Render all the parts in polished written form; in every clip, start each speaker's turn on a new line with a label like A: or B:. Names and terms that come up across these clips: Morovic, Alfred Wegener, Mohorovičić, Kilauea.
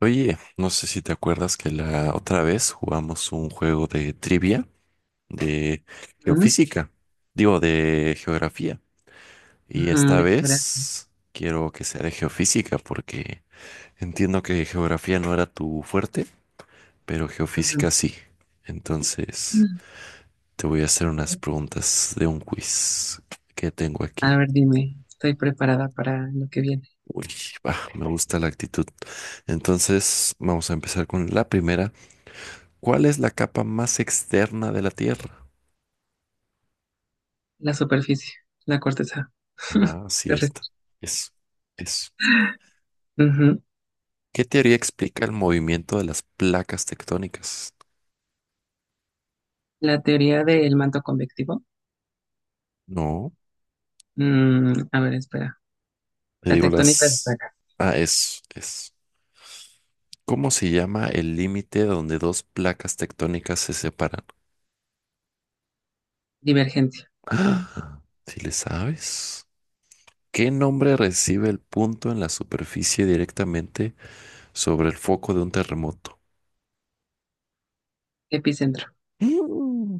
A: Oye, no sé si te acuerdas que la otra vez jugamos un juego de trivia de
B: Ujú,
A: geofísica, digo, de geografía. Y
B: ujú,
A: esta
B: desgracia.
A: vez quiero que sea de geofísica porque entiendo que geografía no era tu fuerte, pero geofísica sí. Entonces, te voy a hacer unas preguntas de un quiz que tengo
B: A
A: aquí.
B: ver, dime, estoy preparada para lo que viene.
A: Uy, va, me gusta la actitud. Entonces, vamos a empezar con la primera. ¿Cuál es la capa más externa de la Tierra?
B: La superficie, la corteza
A: Ah, sí, esta.
B: terrestre.
A: Eso, eso.
B: Ujú.
A: ¿Qué teoría explica el movimiento de las placas tectónicas?
B: La teoría del manto convectivo.
A: No,
B: A ver, espera.
A: te
B: La
A: digo
B: tectónica de
A: las...
B: placas.
A: Ah, es. ¿Cómo se llama el límite donde dos placas tectónicas se separan?
B: Divergencia.
A: Ah, si le sabes. ¿Qué nombre recibe el punto en la superficie directamente sobre el foco de un terremoto?
B: Epicentro.
A: Mm.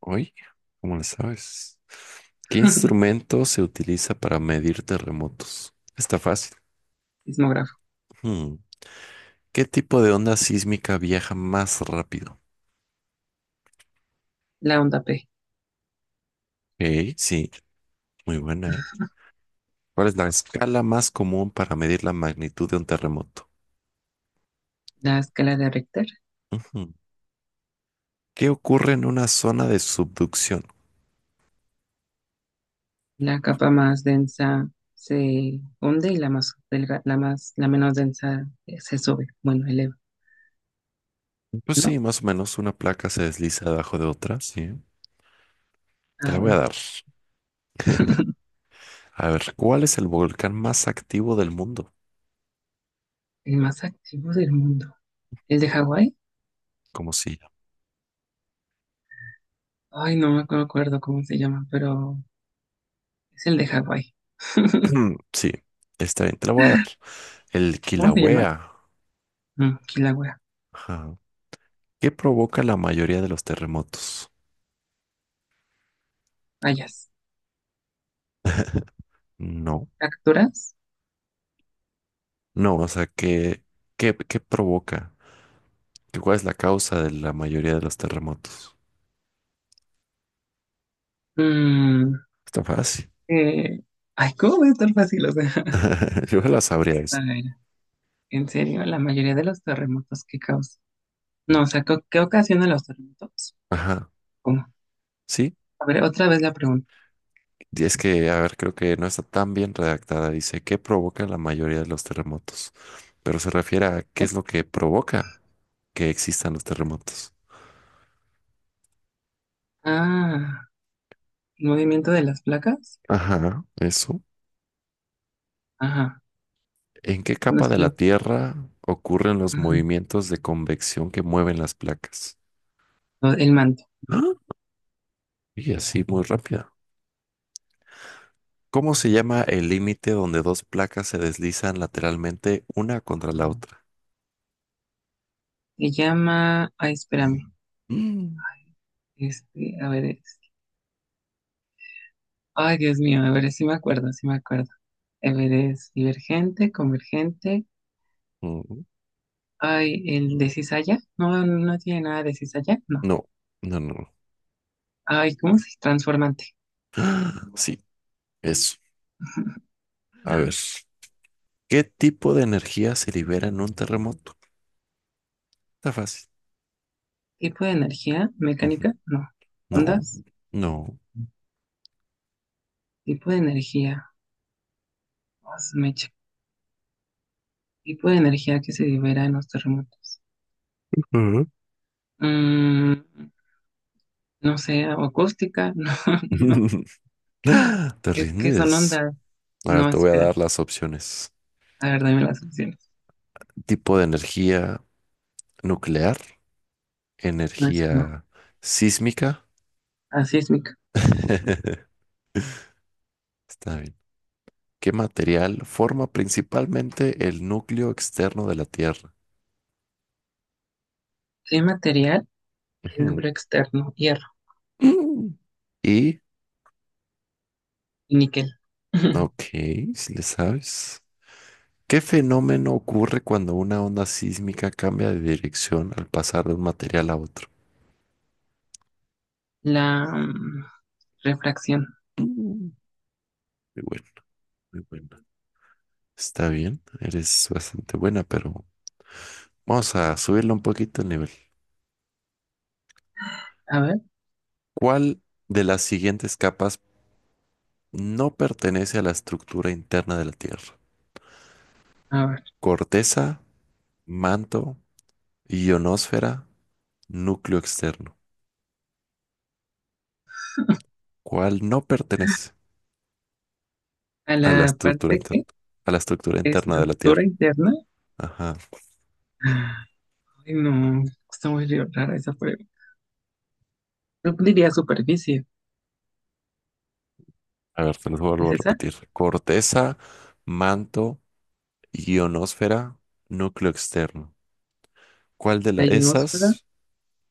A: Hoy, ¿cómo le sabes? ¿Qué instrumento se utiliza para medir terremotos? Está fácil.
B: Sismógrafo.
A: Hmm. ¿Qué tipo de onda sísmica viaja más rápido?
B: La onda P.
A: Ok, sí, muy buena, ¿eh? ¿Cuál es la escala más común para medir la magnitud de un terremoto?
B: La escala de Richter.
A: Ujú. ¿Qué ocurre en una zona de subducción?
B: La capa más densa se hunde y la más delga- la más, la menos densa se sube. Bueno, eleva,
A: Pues
B: ¿no?
A: sí, más o menos una placa se desliza debajo de otra, sí. Te
B: Ah,
A: la voy a
B: bueno.
A: dar. A ver, ¿cuál es el volcán más activo del mundo?
B: El más activo del mundo. ¿El de Hawái?
A: Como si
B: Ay, no me acuerdo cómo se llama, pero es el de Hawái.
A: mm, sí, está bien, te la voy a dar. El
B: ¿Cómo se llama?
A: Kilauea.
B: Kilauea.
A: Ajá. ¿Qué provoca la mayoría de los terremotos?
B: Hayas.
A: No,
B: ¿Capturas?
A: no, o sea, ¿qué provoca? ¿Qué- ¿Cuál es la causa de la mayoría de los terremotos?
B: Mm,
A: Está fácil.
B: eh, ay, ¿cómo va a estar fácil? O sea,
A: Yo la sabría
B: a
A: eso.
B: ver, en serio, la mayoría de los terremotos que causan. No, o sea, ¿qué ocasiona los terremotos?
A: Ajá,
B: ¿Cómo?
A: sí.
B: A ver, otra vez la pregunta.
A: Y es que, a ver, creo que no está tan bien redactada. Dice, ¿qué provoca la mayoría de los terremotos? Pero se refiere a qué es lo que provoca que existan los terremotos.
B: Ah, el movimiento de las placas.
A: Ajá, eso.
B: Ajá.
A: ¿En qué
B: Bueno,
A: capa
B: es
A: de
B: que yo.
A: la Tierra ocurren los
B: Ujú.
A: movimientos de convección que mueven las placas?
B: No, el manto.
A: ¡Ah! Y así muy rápida. ¿Cómo se llama el límite donde dos placas se deslizan lateralmente una contra la otra?
B: Se llama. Ay, espérame.
A: Mm.
B: Este, a ver, ay, Dios mío, a ver, sí me acuerdo, sí me acuerdo. A es divergente, convergente.
A: Mm,
B: Ay, el de cizalla. No, no tiene nada de cizalla, no.
A: no, no, no, no.
B: Ay, ¿cómo se transformante?
A: ¡Ah! Sí, eso. A ver. ¿Qué tipo de energía se libera en un terremoto? Está fácil.
B: ¿Tipo de energía?
A: Ujú.
B: ¿Mecánica? No.
A: No,
B: ¿Ondas?
A: no.
B: ¿Tipo de energía? Ah, su mecha. ¿Tipo de energía que se libera en los terremotos?
A: Ujú.
B: Mm, no sé, ¿o acústica? No, no.
A: ¿Te
B: Es que son
A: rindes?
B: ondas.
A: A ver,
B: No,
A: te voy a dar
B: espérate.
A: las opciones.
B: A ver, dame las opciones.
A: Tipo de energía nuclear,
B: No, esa no.
A: energía sísmica.
B: Asísmica.
A: Está bien. ¿Qué material forma principalmente el núcleo externo de la Tierra?
B: ¿Qué material
A: Ujú.
B: logro externo? Hierro
A: Mm. Y
B: y níquel.
A: ok, si le sabes. ¿Qué fenómeno ocurre cuando una onda sísmica cambia de dirección al pasar de un material a otro?
B: La refracción.
A: Mm. Muy bueno, muy buena. Está bien, eres bastante buena, pero vamos a subirle un poquito el nivel.
B: A ver,
A: ¿Cuál de las siguientes capas no pertenece a la estructura interna de la Tierra?
B: a ver.
A: Corteza, manto, ionosfera, núcleo externo. ¿Cuál no pertenece
B: A
A: a la
B: la
A: estructura
B: parte
A: interna?
B: que
A: A la estructura interna de la
B: estructura
A: Tierra.
B: interna.
A: Ajá.
B: Ay, no, está muy rara esa prueba. Yo diría superficie.
A: A ver, te los vuelvo
B: ¿Es
A: a
B: esa?
A: repetir. Corteza, manto, ionosfera, núcleo externo. ¿Cuál de la-
B: La ionosfera.
A: esas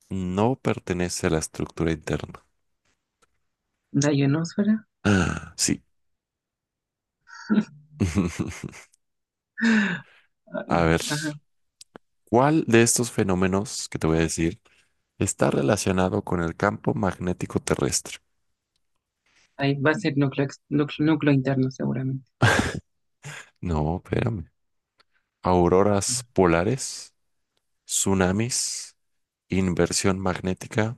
A: no pertenece a la estructura interna?
B: La ionosfera.
A: Ah, sí. A
B: Ay,
A: ver.
B: ajá.
A: ¿Cuál de estos fenómenos que te voy a decir está relacionado con el campo magnético terrestre?
B: Ahí va a ser núcleo, núcleo interno seguramente.
A: No, espérame. Auroras polares, tsunamis, inversión magnética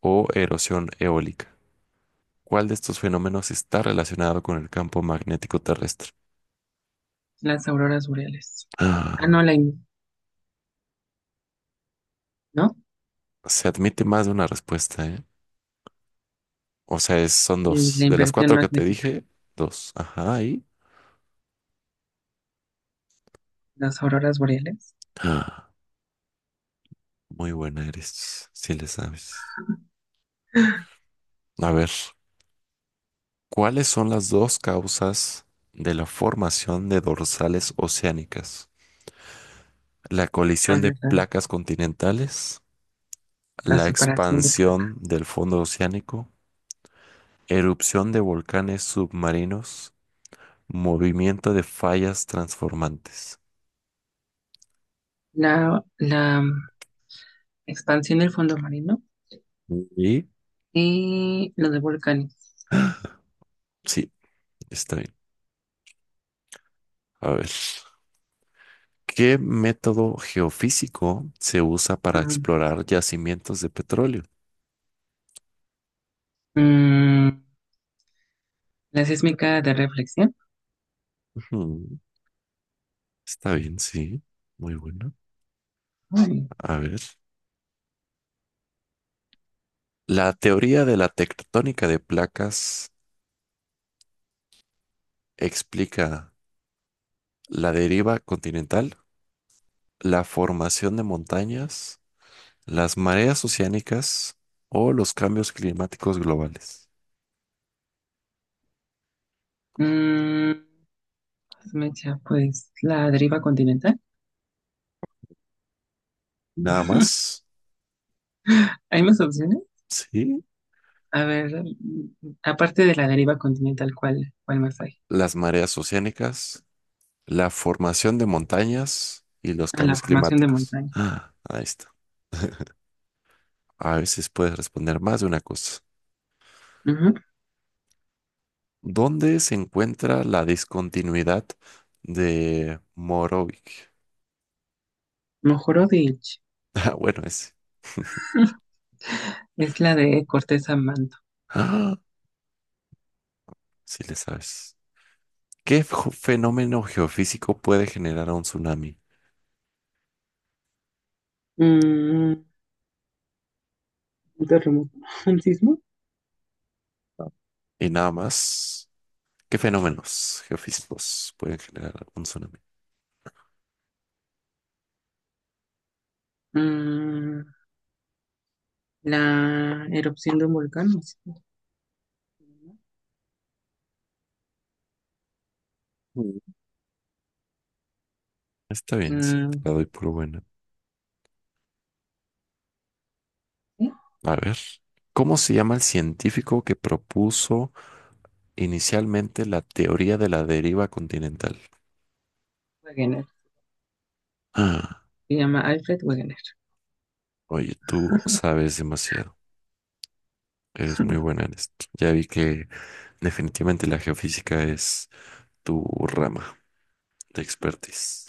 A: o erosión eólica. ¿Cuál de estos fenómenos está relacionado con el campo magnético terrestre?
B: Las auroras boreales. Ah, no,
A: Ah,
B: ¿no?
A: se admite más de una respuesta, ¿eh? O sea, es- son dos.
B: La
A: De las
B: inversión
A: cuatro que te
B: magnética.
A: dije, dos. Ajá, ahí.
B: Las auroras boreales.
A: Ah, muy buena eres, si le sabes. A ver. ¿Cuáles son las dos causas de la formación de dorsales oceánicas? ¿La
B: A
A: colisión de
B: ver,
A: placas continentales?
B: la
A: ¿La
B: separación de placas,
A: expansión del fondo oceánico? ¿Erupción de volcanes submarinos? ¿Movimiento de fallas transformantes?
B: la expansión del fondo marino
A: Y
B: y lo de volcanes.
A: sí, está bien. A ver. ¿Qué método geofísico se usa para
B: Ujú.
A: explorar yacimientos de petróleo?
B: Mm, la sísmica de reflexión.
A: Ujú, está bien, sí. Muy bueno.
B: Ay.
A: A ver. La teoría de la tectónica de placas explica la deriva continental, la formación de montañas, las mareas oceánicas o los cambios climáticos globales.
B: Mm, mecha, pues la deriva continental.
A: Nada más,
B: ¿Hay más opciones?
A: sí,
B: A ver, aparte de la deriva continental, ¿cuál más hay?
A: las mareas oceánicas, la formación de montañas y los
B: Ah, la
A: cambios
B: formación de
A: climáticos.
B: montaña.
A: Ah, ahí está. A veces puedes responder más de una cosa.
B: Ujú.
A: ¿Dónde se encuentra la discontinuidad de Morovic?
B: Mojorovic.
A: Ah, bueno, ese.
B: Es la de corteza manto.
A: Ah, sí le sabes. ¿Qué fenómeno geofísico puede generar un tsunami?
B: Mm, un terremoto. ¿Un sismo?
A: Y nada más, ¿qué fenómenos geofísicos pueden generar un tsunami?
B: Mm, La erupción de un volcán. No sé se llama.
A: Mm. Está bien, sí, te
B: Mm,
A: la doy por buena.
B: ¿sí?
A: A ver, ¿cómo se llama el científico que propuso inicialmente la teoría de la deriva continental?
B: Wegener.
A: Ah,
B: Se llama Alfred Wegener.
A: oye, tú sabes demasiado. Eres muy buena en esto. Ya vi que definitivamente la geofísica es tu rama de expertise.